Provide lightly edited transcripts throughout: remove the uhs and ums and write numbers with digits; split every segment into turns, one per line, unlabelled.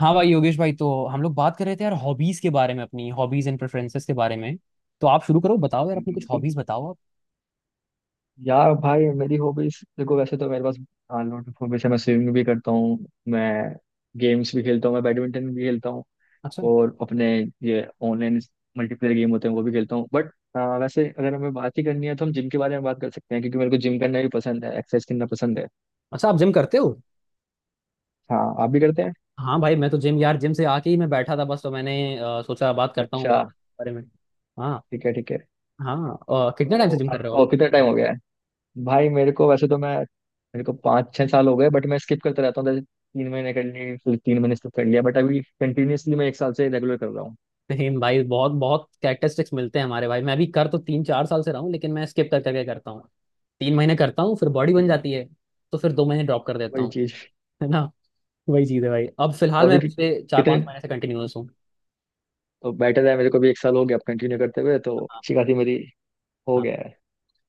हाँ भाई योगेश भाई, तो हम लोग बात कर रहे थे यार हॉबीज के बारे में, अपनी हॉबीज एंड प्रेफरेंसेस के बारे में। तो आप शुरू करो, बताओ यार अपनी
बिल्कुल
कुछ
बिल्कुल।
हॉबीज बताओ आप।
यार भाई मेरी हॉबीज देखो, वैसे तो मेरे पास हाँ लोट ऑफ हॉबीज है। मैं स्विमिंग भी करता हूँ, मैं गेम्स भी खेलता हूँ, मैं बैडमिंटन भी खेलता हूँ
अच्छा।
और अपने ये ऑनलाइन मल्टीप्लेयर गेम होते हैं वो भी खेलता हूँ। बट वैसे अगर हमें बात ही करनी है तो हम जिम के बारे में बात कर सकते हैं, क्योंकि मेरे को जिम करना भी पसंद है, एक्सरसाइज करना पसंद है।
अच्छा आप जिम करते हो।
हाँ, आप भी करते हैं?
हाँ भाई, मैं तो जिम यार जिम से आके ही मैं बैठा था बस, तो मैंने सोचा बात करता हूँ
अच्छा,
बारे में। हाँ।
ठीक है ठीक है।
हाँ कितने टाइम से
तो
जिम कर रहे हो आप।
आपको कितना टाइम हो गया है? भाई मेरे को वैसे तो मैं मेरे को 5-6 साल हो गए। बट मैं स्किप करता रहता हूँ। जैसे 3 महीने कर ली, फिर 3 महीने स्किप कर लिया, बट अभी कंटिन्यूअसली मैं एक साल से रेगुलर कर रहा हूँ।
सेम भाई, बहुत बहुत कैरेक्टरिस्टिक्स मिलते हैं हमारे। भाई मैं भी कर तो तीन चार साल से रहा हूँ, लेकिन मैं स्किप कर करके करता हूँ। तीन महीने करता हूँ फिर बॉडी बन
वही,
जाती है, तो फिर दो महीने ड्रॉप कर देता
वही
हूँ।
चीज़।
है ना। वही चीज़ है भाई, अब फिलहाल
अभी
मैं
कि-
पिछले चार पाँच
कितने
महीने से कंटिन्यूअस हूँ।
तो बेटर है। मेरे को भी एक साल हो गया अब कंटिन्यू करते हुए, तो
हाँ
अच्छी खासी मेरी हो गया है।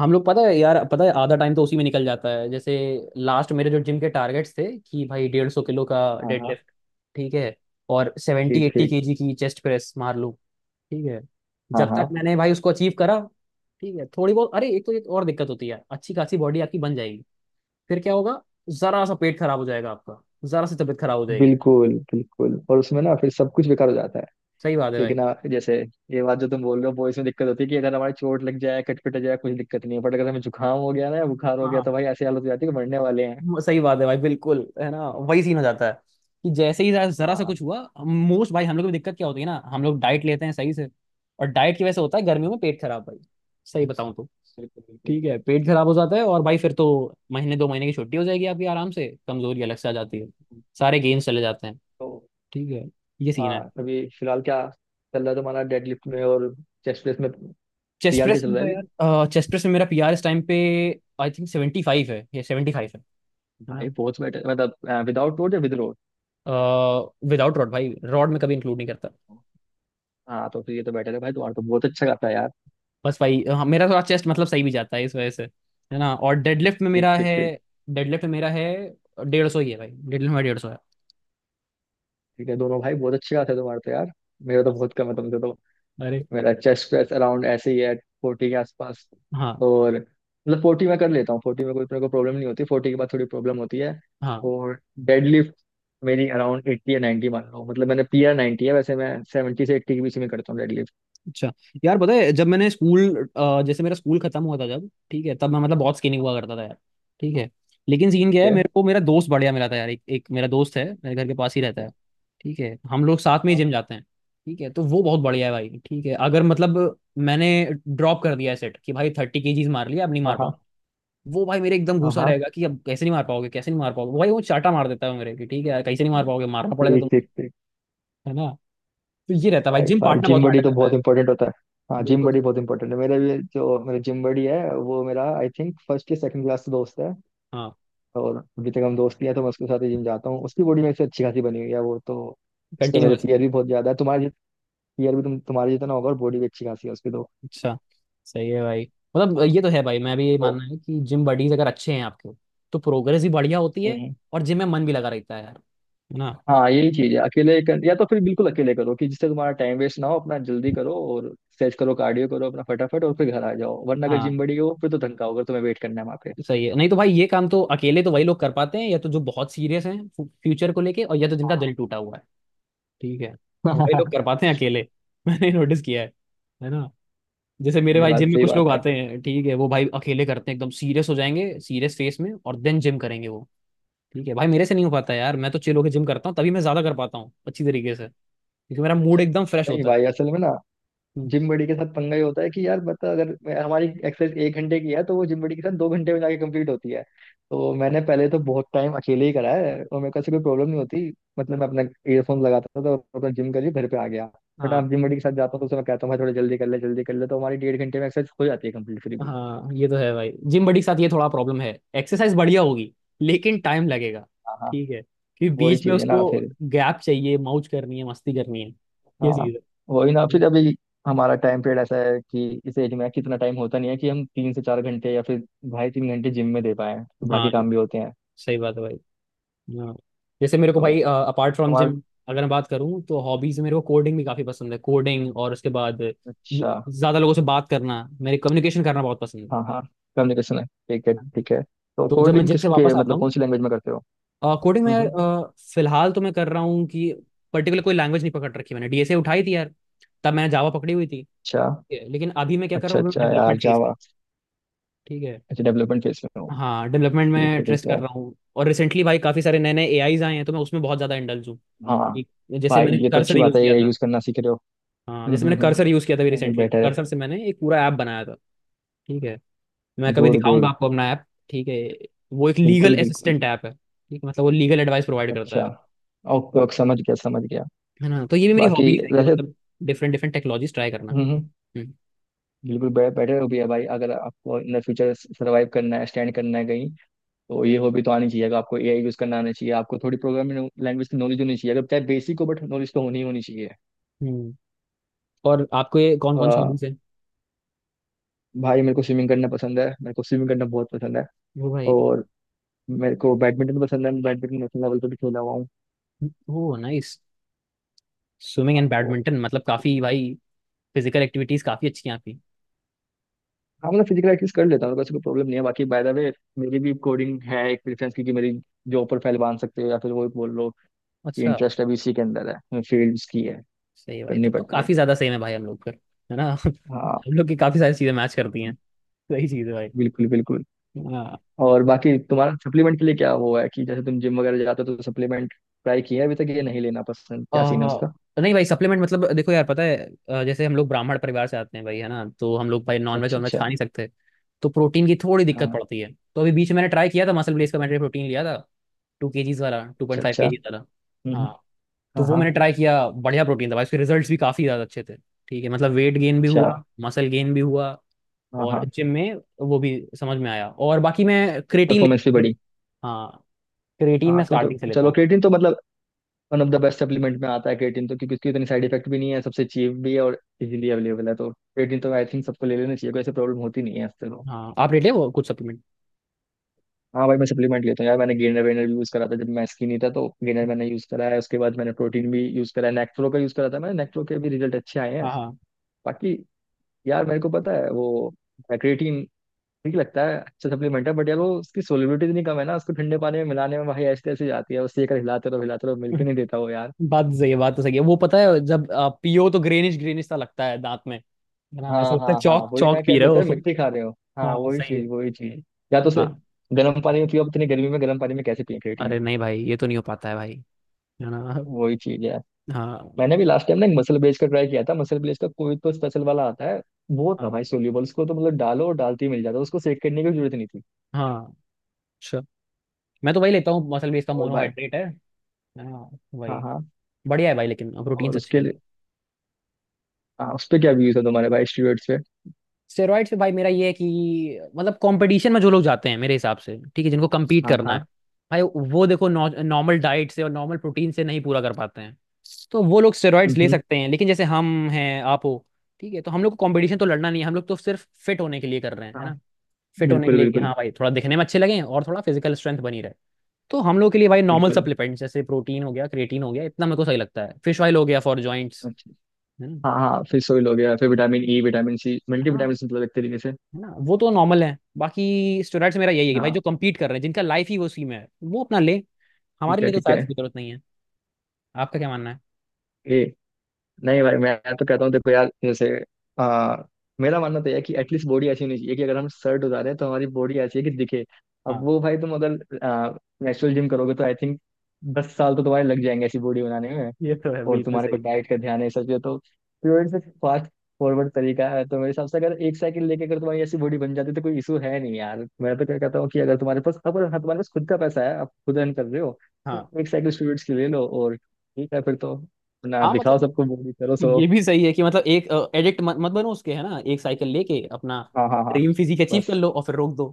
हम लोग पता है यार, पता है आधा टाइम तो उसी में निकल जाता है। जैसे लास्ट मेरे जो जिम के टारगेट्स थे कि भाई 150 किलो का
हाँ हाँ।
डेडलिफ्ट, ठीक है, और सेवेंटी
ठीक
एट्टी
ठीक।
केजी की चेस्ट प्रेस मार लूँ। ठीक है,
हाँ
जब
हाँ।
तक मैंने भाई उसको अचीव करा। ठीक है थोड़ी बहुत, अरे एक तो एक और दिक्कत होती है, अच्छी खासी बॉडी आपकी बन जाएगी, फिर क्या होगा, जरा सा पेट खराब हो जाएगा आपका, जरा सी तबीयत खराब हो जाएगी।
बिल्कुल बिल्कुल, और उसमें ना फिर सब कुछ बेकार हो जाता है।
सही बात है
एक
भाई।
ना जैसे, ये बात जो तुम बोल रहे हो वो इसमें दिक्कत होती है कि अगर हमारी चोट लग जाए, कटपट जाए, कुछ दिक्कत नहीं है। बट अगर हमें जुकाम हो गया ना, या बुखार हो गया, तो
हाँ
भाई ऐसी हालत हो जाती है कि मरने वाले हैं।
वो सही बात है भाई, बिल्कुल, है ना वही सीन हो जाता है कि जैसे ही जरा
हाँ
जरा सा
हाँ,
कुछ हुआ। मोस्ट भाई हम लोग की दिक्कत क्या होती है ना, हम लोग डाइट लेते हैं सही से, और डाइट की वजह से होता है गर्मियों में पेट खराब भाई, सही बताऊं तो।
बिल्कुल बिल्कुल।
ठीक है पेट खराब हो जाता है और भाई फिर तो महीने दो महीने की छुट्टी हो जाएगी आपकी आराम से, कमजोरी अलग से आ जाती है, सारे गेम्स चले जाते हैं।
तो
ठीक है ये सीन
हाँ,
है।
अभी फिलहाल क्या चल रहा है तुम्हारा डेडलिफ्ट में और चेस्ट प्रेस में?
चेस्ट
पीआर के
प्रेस
चल
में
रहा
तो
है अभी?
यार चेस्ट प्रेस में मेरा पीआर इस टाइम पे आई थिंक 75 है, ये 75 है ना।
भाई बहुत बेटर। मतलब विदाउट रोड या विद रोड?
विदाउट रॉड भाई, रॉड में कभी इंक्लूड नहीं करता।
हाँ, तो फिर ये तो बेटर है भाई। तुम्हारा तो बहुत अच्छा गाता है यार।
बस वही, हाँ, मेरा थोड़ा चेस्ट मतलब सही भी जाता है इस वजह से, है ना, और डेडलिफ्ट में
ठीक
मेरा
ठीक
है,
ठीक।
डेडलिफ्ट में मेरा है 150 ही है भाई, डेडलिफ्ट में 150 है।
ठीक है, दोनों भाई बहुत अच्छे गाते हैं तुम्हारे तो यार। मेरा तो
बस
बहुत कम है तुमसे तो।
अरे।
मेरा चेस्ट प्रेस अराउंड ऐसे ही है, 40 के आसपास।
हाँ
और मतलब 40 में कर लेता हूँ, 40 में कोई मेरे को प्रॉब्लम नहीं होती, 40 के बाद थोड़ी प्रॉब्लम होती है।
हाँ।
और डेडलिफ्ट मेरी अराउंड 80 या 90 मान लो। मतलब मैंने पीआर 90 है, वैसे मैं 70 से 80 के बीच में करता हूँ डेडलिफ्ट।
अच्छा यार पता है जब मैंने स्कूल जैसे मेरा स्कूल खत्म हुआ था जब, ठीक है, तब मैं मतलब बहुत स्किनी हुआ करता था यार। ठीक है, लेकिन सीन क्या
ठीक
है,
है।
मेरे को मेरा दोस्त बढ़िया मिला था यार, एक मेरा दोस्त है मेरे घर के पास ही रहता है। ठीक है हम लोग साथ में ही
हाँ
जिम जाते हैं। ठीक है तो वो बहुत बढ़िया है भाई, ठीक है अगर मतलब मैंने ड्रॉप कर दिया है सेट कि भाई 30 केजीज मार लिया अब नहीं
हाँ।
मार,
हाँ
वो भाई मेरे एकदम
हाँ।
घुसा
हाँ।
रहेगा कि अब कैसे नहीं मार पाओगे, कैसे नहीं मार पाओगे, वो भाई वो चाटा मार देता है मेरे कि ठीक है यार कैसे नहीं मार पाओगे मारना पड़ेगा
ठीक
तुम।
ठीक ठीक।
है ना। तो ये रहता है भाई
भाई
जिम
भाई
पार्टनर
जिम
बहुत
बॉडी
मैटर
तो
करता है।
बहुत इंपॉर्टेंट होता है। हाँ, जिम
बिल्कुल
बॉडी
सर।
बहुत इंपॉर्टेंट है। मेरा भी जो मेरा जिम बॉडी है वो मेरा आई थिंक फर्स्ट या सेकंड क्लास दोस्त है।
हाँ।
और अभी तक हम दोस्त ही हैं, तो मैं उसके साथ ही जिम जाता हूँ। उसकी बॉडी मेरे से अच्छी खासी बनी हुई है वो तो। उसके मेरे
कंटिन्यूअस।
पीयर भी बहुत ज्यादा है। तुम्हारे पीयर भी तुम्हारे जितना होगा, और बॉडी भी अच्छी खासी है उसकी तो।
अच्छा सही है भाई, मतलब ये तो है भाई, मैं भी ये
ओ,
मानना है कि जिम बडीज अगर अच्छे हैं आपके तो प्रोग्रेस भी बढ़िया होती है
हम्म।
और जिम में मन भी लगा रहता है यार, है ना।
हाँ, यही चीज है। या तो फिर बिल्कुल अकेले करो कि जिससे तुम्हारा टाइम वेस्ट ना हो, अपना जल्दी करो और स्ट्रेच करो, कार्डियो करो अपना फटाफट और फिर घर आ जाओ। वरना अगर
हाँ
जिम बड़ी हो फिर तो धक्का होगा, तुम्हें वेट करना है वहाँ पे।
सही है, नहीं तो भाई ये काम तो अकेले तो वही लोग कर पाते हैं या तो जो बहुत सीरियस हैं फ्यूचर को लेके, और या तो जिनका दिल टूटा हुआ है, ठीक है, और वही लोग कर पाते हैं अकेले मैंने नोटिस किया है ना, जैसे मेरे
नहीं,
भाई
बात
जिम में
सही
कुछ
बात
लोग
है।
आते हैं, ठीक है, वो भाई अकेले करते हैं, एकदम सीरियस हो जाएंगे सीरियस फेस में, और देन जिम करेंगे वो। ठीक है भाई, मेरे से नहीं हो पाता यार, मैं तो चिल होके जिम करता हूँ तभी मैं ज्यादा कर पाता हूँ अच्छी तरीके से, क्योंकि मेरा मूड
अच्छा।
एकदम फ्रेश
नहीं
होता है।
भाई, असल में ना
हम्म।
जिम बड़ी के साथ पंगा ये होता है कि यार बता, अगर हमारी एक्सरसाइज एक घंटे की है, तो वो जिम बड़ी के साथ 2 घंटे में जाके कंप्लीट होती है। तो मैंने पहले तो बहुत टाइम अकेले ही करा है और मेरे को ऐसी कोई प्रॉब्लम नहीं होती। मतलब मैं अपना ईयरफोन लगाता था, तो अपना जिम कर लिया, घर पे आ गया। बट
हाँ
आप जिम बड़ी के साथ जाता हूँ तो उसे मैं कहता हूँ भाई थोड़ा जल्दी कर ले, जल्दी कर ले, तो हमारी 1.5 घंटे में एक्सरसाइज हो जाती है कंप्लीट फिर भी।
हाँ ये तो है भाई, जिम बड़ी के साथ ये थोड़ा प्रॉब्लम है, एक्सरसाइज बढ़िया होगी लेकिन टाइम लगेगा।
हाँ हाँ,
ठीक है, क्योंकि
वही
बीच में
चीज़ है ना
उसको
फिर।
गैप चाहिए, मौज करनी है मस्ती करनी है, ये
हाँ,
चीज
वही ना।
है।
फिर अभी हमारा टाइम पीरियड ऐसा है कि इस एज में कितना टाइम होता नहीं है कि हम 3 से 4 घंटे या फिर ढाई तीन घंटे जिम में दे पाए, तो
हाँ
बाकी काम भी होते हैं।
सही बात है भाई। हाँ जैसे मेरे को
तो
भाई अपार्ट फ्रॉम
तुम्हारा।
जिम अगर मैं बात करूँ तो हॉबीज मेरे को कोडिंग भी काफी पसंद है, कोडिंग, और उसके बाद
अच्छा।
ज्यादा लोगों से बात करना, मेरे कम्युनिकेशन करना बहुत पसंद है।
हाँ हाँ, कम्युनिकेशन है, ठीक है ठीक है। तो
तो जब मैं
कोडिंग
जिम से
किसके,
वापस आता
मतलब
हूँ
कौन सी लैंग्वेज में करते हो?
कोडिंग में यार
हम्म।
फिलहाल तो मैं कर रहा हूँ कि पर्टिकुलर कोई लैंग्वेज नहीं पकड़ रखी, मैंने डीएसए उठाई थी यार, तब मैंने जावा पकड़ी हुई थी।
अच्छा।
ठीक है, लेकिन अभी मैं क्या कर
अच्छा
रहा हूँ
अच्छा यार
डेवलपमेंट फेज में।
जावा।
ठीक है,
अच्छा, डेवलपमेंट फेज में हो?
हाँ डेवलपमेंट
ठीक
में
है ठीक
ट्रेस्ट कर
है।
रहा हूँ, और रिसेंटली भाई काफी सारे नए नए एआईज आए हैं तो मैं उसमें बहुत ज्यादा इंडल्ज हूँ
हाँ
कि जैसे
भाई,
मैंने
ये तो अच्छी
कर्सर
बात
यूज
है,
किया
ये
था।
यूज करना सीख रहे हो।
हाँ जैसे मैंने
हम्म।
कर्सर यूज़ किया था, अभी
नहीं नहीं,
रिसेंटली
बेटर।
कर्सर से मैंने एक पूरा ऐप बनाया था। ठीक है, मैं कभी
गुड
दिखाऊंगा
गुड।
आपको अपना ऐप, ठीक है, वो एक लीगल
बिल्कुल बिल्कुल।
असिस्टेंट ऐप है, ठीक है मतलब वो लीगल एडवाइस प्रोवाइड करता
अच्छा।
है
ओके ओके, समझ गया समझ गया।
है ना, तो ये भी मेरी
बाकी
हॉबीज है कि
वैसे।
मतलब डिफरेंट डिफरेंट टेक्नोलॉजीज ट्राई करना।
हम्म हम्म,
हम्म
बिल्कुल बेटर हो भी है भाई। अगर आपको इन द फ्यूचर सर्वाइव करना है, स्टैंड करना है कहीं, तो ये हॉबी तो आनी चाहिए। अगर आपको एआई यूज करना आना चाहिए, आपको थोड़ी प्रोग्रामिंग लैंग्वेज की नॉलेज होनी चाहिए, अगर चाहे बेसिक हो, बट नॉलेज तो होनी ही होनी चाहिए।
हम्म। और आपको ये कौन
अ,
कौन सी हॉबीज है।
भाई मेरे को स्विमिंग करना पसंद है, मेरे को स्विमिंग करना बहुत पसंद है।
वो भाई।
और मेरे को बैडमिंटन पसंद है, मैं बैडमिंटन नेशनल लेवल पे भी खेला हुआ हूँ।
वो नाइस, स्विमिंग
हाँ,
एंड
तो
बैडमिंटन मतलब काफ़ी भाई फिजिकल एक्टिविटीज काफ़ी अच्छी हैं आपकी।
हाँ, मतलब फिजिकल एक्टिविटीज कर लेता हूँ, वैसे कोई प्रॉब्लम नहीं है। बाकी बाय द वे, मेरी भी कोडिंग है एक प्रेफरेंस की कि मेरी जॉब पर फाइल बांध सकते हो, या फिर वो बोल लो कि
अच्छा,
इंटरेस्ट अभी इसी के अंदर है, फील्ड्स की है,
सही है भाई
करनी
तब तो
पड़ती है।
काफ़ी ज़्यादा सेम है भाई हम लोग का, है ना
हाँ,
हम लोग की काफ़ी सारी चीज़ें मैच करती हैं। सही चीज़ है भाई।
बिल्कुल बिल्कुल।
हाँ।
और बाकी तुम्हारा सप्लीमेंट के लिए क्या वो है, कि जैसे तुम जिम वगैरह जाते हो तो सप्लीमेंट ट्राई किया है अभी तक, ये नहीं लेना पसंद? क्या सीन है
आ,
उसका?
नहीं भाई सप्लीमेंट मतलब देखो यार पता है जैसे हम लोग ब्राह्मण परिवार से आते हैं भाई, है ना, तो हम लोग भाई नॉनवेज
अच्छा
वेज
अच्छा।
खा नहीं सकते, तो प्रोटीन की थोड़ी दिक्कत
हाँ।
पड़ती है, तो अभी बीच में मैंने ट्राई किया था मसल ब्लेस का,
अच्छा।
मैंने प्रोटीन लिया था 2 केजीज वाला, टू पॉइंट फाइव
अच्छा।
केजीज वाला।
हम्म, हम्म।
हाँ तो
हाँ
वो
हाँ।
मैंने ट्राई किया, बढ़िया प्रोटीन था भाई, उसके रिजल्ट्स भी काफी ज्यादा अच्छे थे। ठीक है मतलब वेट गेन भी
अच्छा।
हुआ मसल गेन भी हुआ
हाँ
और
हाँ।
जिम में वो भी समझ में आया, और बाकी मैं क्रेटीन
परफॉर्मेंस भी
ले,
बढ़ी।
हाँ, क्रेटीन
हाँ
मैं स्टार्टिंग
तो
से लेता
चलो
हूँ।
क्रिएटिन तो मतलब one of the best supplement में आता है क्रिएटिन तो, क्योंकि उसकी इतनी साइड इफेक्ट भी नहीं है, सबसे चीप भी है और इजीली अवेलेबल है। तो क्रिएटिन तो आई थिंक सबको ले लेना चाहिए, कोई ऐसी प्रॉब्लम होती नहीं है इससे।
हाँ आप लेते हो कुछ सप्लीमेंट।
हाँ भाई, मैं सप्लीमेंट लेता हूँ यार। मैंने गेनर वेनर भी यूज करा था जब मैं स्किनी था, तो गेनर मैंने यूज करा है। उसके बाद मैंने प्रोटीन भी यूज करा है, नेक्ट्रो का यूज करा था मैंने, नेक्ट्रो के भी रिजल्ट अच्छे आए हैं।
हाँ हाँ
बाकी यार, मेरे को पता है वो क्रिएटिन ठीक लगता है, अच्छा सप्लीमेंट है। बट यार वो उसकी सोलिबिलिटी इतनी कम है ना, उसको ठंडे पानी में मिलाने में भाई ऐसे ऐसे जाती है उससे, एक हिलाते रहो हिलाते रहो, मिल के नहीं देता वो यार।
बात सही है, बात तो सही है, वो पता है जब आप पियो तो ग्रेनिश ग्रेनिश सा लगता है दांत में, है ना, ऐसा
हाँ
लगता है
हाँ हाँ,
चौक
वही ना।
चौक
क्या
पी रहे
लगता है
हो।
मिट्टी खा रहे हो। हाँ,
हाँ
वही
सही है।
चीज वही चीज। या तो उसे
हाँ
गर्म पानी में पियो, अब इतनी गर्मी में गर्म पानी में कैसे पिए क्रिएटिन।
अरे नहीं भाई ये तो नहीं हो पाता है भाई, है ना।
वही चीज है।
हाँ
मैंने भी लास्ट टाइम ना एक मसल ब्लेज का ट्राई किया था, मसल ब्लेज का कोई तो स्पेशल वाला आता है, वो था
हाँ
भाई सोल्यूबल। उसको तो मतलब डालो, और डालते ही मिल जाता, उसको सेक करने की भी जरूरत नहीं थी।
हाँ। अच्छा मैं तो वही लेता हूँ मसल बेस का,
और भाई।
मोनोहाइड्रेट है। हाँ
हाँ
वही,
हाँ।
बढ़िया है भाई, लेकिन
और
प्रोटीन्स अच्छे
उसके
हैं।
लिए, हाँ उस पे क्या व्यूज है तुम्हारे भाई स्टूडेंट्स पे?
स्टेरॉइड से भाई मेरा ये है कि मतलब कंपटीशन में जो लोग जाते हैं मेरे हिसाब से, ठीक है, जिनको कम्पीट
हाँ
करना है
हाँ।
भाई, वो देखो नॉर्मल डाइट से और नॉर्मल प्रोटीन से नहीं पूरा कर पाते हैं, तो वो लोग स्टेरॉइड्स
हम्म
ले
हम्म,
सकते हैं, लेकिन जैसे हम हैं आप हो, ठीक है, तो हम लोग को कंपटीशन तो लड़ना नहीं है, हम लोग तो सिर्फ फिट होने के लिए कर रहे हैं, है
हाँ।
ना, फिट होने के
बिल्कुल।
लिए कि
बिल्कुल
हाँ भाई थोड़ा दिखने में अच्छे लगें और थोड़ा फिजिकल स्ट्रेंथ बनी रहे, तो हम लोग के लिए भाई नॉर्मल
बिल्कुल।
सप्लीमेंट्स जैसे प्रोटीन हो गया, क्रिएटिन हो गया, इतना मेरे को सही लगता है, फिश ऑयल हो गया फॉर जॉइंट्स,
अच्छा।
है
हाँ हाँ, फिर सोइल हो गया, फिर vitamin E, vitamin C, multi
ना,
विटामिन, मतलब एक तरीके से।
है ना वो तो नॉर्मल है, बाकी स्टूडेंट्स मेरा यही है कि भाई जो
हाँ।
compete कर रहे हैं जिनका लाइफ ही वो उसी में है वो अपना ले, हमारे
ठीक है
लिए तो
ठीक
शायद
है।
कोई जरूरत नहीं है। आपका क्या मानना है।
ए नहीं भाई, मैं तो कहता हूँ देखो यार जैसे आ, मेरा मानना तो यह है कि एटलीस्ट बॉडी ऐसी होनी चाहिए कि अगर हम शर्ट उतारें तो हमारी बॉडी ऐसी है कि दिखे। अब
हाँ
वो भाई तुम अगर नेचुरल जिम करोगे तो आई थिंक 10 साल तो तुम्हारे लग जाएंगे ऐसी बॉडी बनाने में।
ये तो है
और
बिल्कुल
तुम्हारे को
सही।
डाइट का ध्यान है सब चीज़ें तो प्योर से फास्ट फॉरवर्ड तरीका है। तो मेरे हिसाब से अगर एक साइकिल लेके अगर तुम्हारी ऐसी बॉडी बन जाती तो कोई इशू है नहीं यार। मैं तो क्या कहता हूँ कि अगर तुम्हारे पास अगर, हाँ, तुम्हारे पास खुद का पैसा है, आप खुद अर्न कर रहे हो,
हाँ
तो एक साइकिल स्टूडेंट्स की ले लो। और ठीक है फिर तो, ना
हाँ
दिखाओ
मतलब
सबको, बॉडी करो सो।
ये भी सही है कि मतलब एक एडिक्ट मत बनो उसके, है ना, एक साइकिल लेके अपना
हाँ हाँ हाँ।
ड्रीम फिजिक अचीव
बस।
कर लो और फिर रोक दो,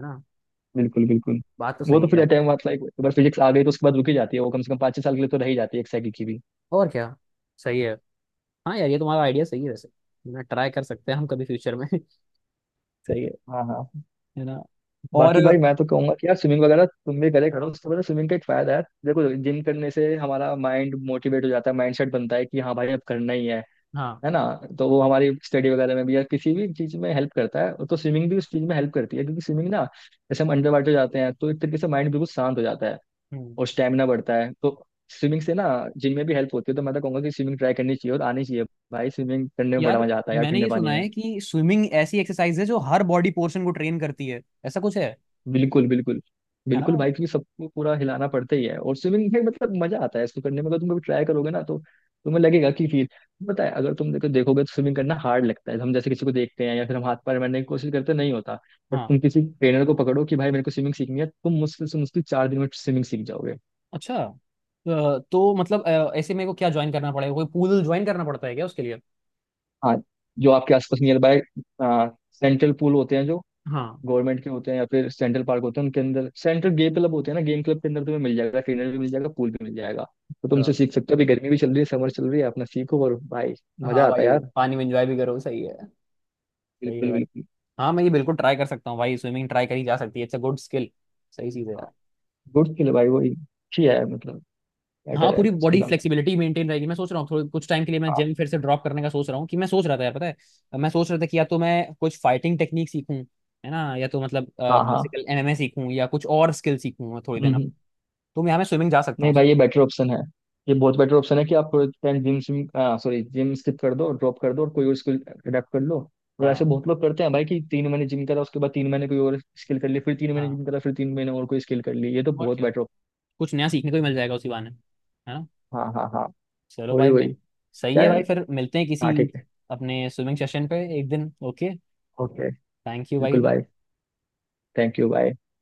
है ना,
बिल्कुल बिल्कुल।
बात तो
वो
सही
तो
है
फिर
यार,
टाइम बाद लाइक एक बार फिजिक्स आ गई तो उसके बाद रुकी जाती है वो, कम से कम 5-6 साल के लिए तो रह ही जाती है एक साइकिल की भी।
और क्या, सही है, हाँ यार ये तुम्हारा आइडिया सही है वैसे, है ना, ट्राई कर सकते हैं हम कभी फ्यूचर में सही है
हाँ हाँ।
है ना, और
बाकी भाई मैं तो कहूंगा कि यार स्विमिंग वगैरह तुम भी करे करो, उससे पता, स्विमिंग का एक फायदा है देखो। जिम करने से हमारा माइंड मोटिवेट हो जाता है, माइंड सेट बनता है कि हाँ भाई अब करना ही है
हाँ।
है ना? तो वो हमारी स्टडी वगैरह में भी, या किसी भी चीज में हेल्प करता है। तो स्विमिंग भी उस चीज में हेल्प करती है, क्योंकि स्विमिंग ना, जैसे हम अंडर वाटर जाते हैं तो एक तरीके से माइंड बिल्कुल शांत हो जाता है।
हम्म।
और स्टेमिना बढ़ता है, तो स्विमिंग से ना जिम में भी हेल्प होती है। तो मैं तो कहूंगा कि स्विमिंग ट्राई करनी चाहिए और आनी चाहिए। भाई स्विमिंग करने में बड़ा
यार
मजा आता है यार
मैंने
ठंडे
ये सुना
पानी में।
है कि स्विमिंग ऐसी एक्सरसाइज है जो हर बॉडी पोर्शन को ट्रेन करती है, ऐसा कुछ है
बिल्कुल बिल्कुल।
है ना,
बिल्कुल भाई, क्योंकि सबको पूरा हिलाना पड़ता ही है, और स्विमिंग में मतलब मजा आता है इसको करने में। अगर तुम कभी ट्राई करोगे ना, तो तुम्हें लगेगा कि फील, पता है। अगर तुम देखोगे तो स्विमिंग करना हार्ड लगता है, हम जैसे किसी को देखते हैं, या फिर हम हाथ पैर मारने की कोशिश करते हैं, नहीं होता। पर
हाँ।
तुम किसी ट्रेनर को पकड़ो कि भाई मेरे को स्विमिंग सीखनी है, तुम मुश्किल से मुश्किल 4 दिन में स्विमिंग सीख जाओगे।
अच्छा तो मतलब ऐसे मेरे को क्या ज्वाइन करना पड़ेगा, कोई पूल ज्वाइन करना पड़ता है क्या उसके लिए।
हाँ, जो आपके आसपास नियर बाय सेंट्रल पूल होते हैं जो
हाँ
गवर्नमेंट के होते हैं, या फिर सेंट्रल पार्क होते हैं उनके अंदर सेंट्रल गेम क्लब होते हैं ना, गेम क्लब के अंदर तुम्हें मिल जाएगा, ट्रेनर भी मिल जाएगा, पूल भी मिल जाएगा। तो
तो-,
तुमसे सीख सकते हो। अभी गर्मी भी चल रही है, समर चल रही है, अपना सीखो। और भाई
हाँ
मजा आता है
भाई
यार।
पानी में एंजॉय भी करो, सही है, सही है
बिल्कुल
भाई।
बिल्कुल।
हाँ मैं ये बिल्कुल ट्राई कर सकता हूँ भाई, स्विमिंग ट्राई करी जा सकती है, इट्स अ गुड स्किल। सही चीज़ है यार।
गुड स्किल है भाई, वही अच्छी है। मतलब
हाँ
बेटर है
पूरी
उसके
बॉडी
हिसाब से।
फ्लेक्सिबिलिटी मेंटेन रहेगी। मैं सोच रहा हूँ थोड़े कुछ टाइम के लिए मैं
हाँ
जिम फिर से ड्रॉप करने का सोच रहा हूँ कि मैं सोच रहा था यार, पता है मैं सोच रहा था कि या तो मैं कुछ फाइटिंग टेक्निक सीखूं, है ना, या तो मतलब
हाँ
फिजिकल एमएमए सीखूं या कुछ और स्किल सीखूं थोड़ी देर अब,
हाँ।
तो यहाँ मैं स्विमिंग जा सकता
नहीं
हूँ।
भाई, ये बेटर ऑप्शन है, ये बहुत बेटर ऑप्शन है कि आप थोड़े टाइम जिम सिम, सॉरी जिम स्किप कर दो, ड्रॉप कर दो और कोई और स्किल अडेप्ट कर लो। और ऐसे
हाँ
बहुत लोग करते हैं भाई कि 3 महीने जिम करा, उसके बाद 3 महीने कोई और स्किल कर ली, फिर तीन महीने
हाँ,
जिम करा, फिर 3 महीने और कोई स्किल कर ली, ये तो
और
बहुत
क्या,
बेटर।
कुछ नया सीखने को भी मिल जाएगा उसी बहाने, है ना,
हाँ हाँ हाँ।
चलो
वही
भाई मैं
वही।
सही
क्या
है
है?
भाई फिर मिलते हैं किसी
हाँ ठीक है।
अपने स्विमिंग सेशन पे एक दिन, ओके,
ओके।
थैंक यू
बिल्कुल
भाई।
भाई। Thank you bye.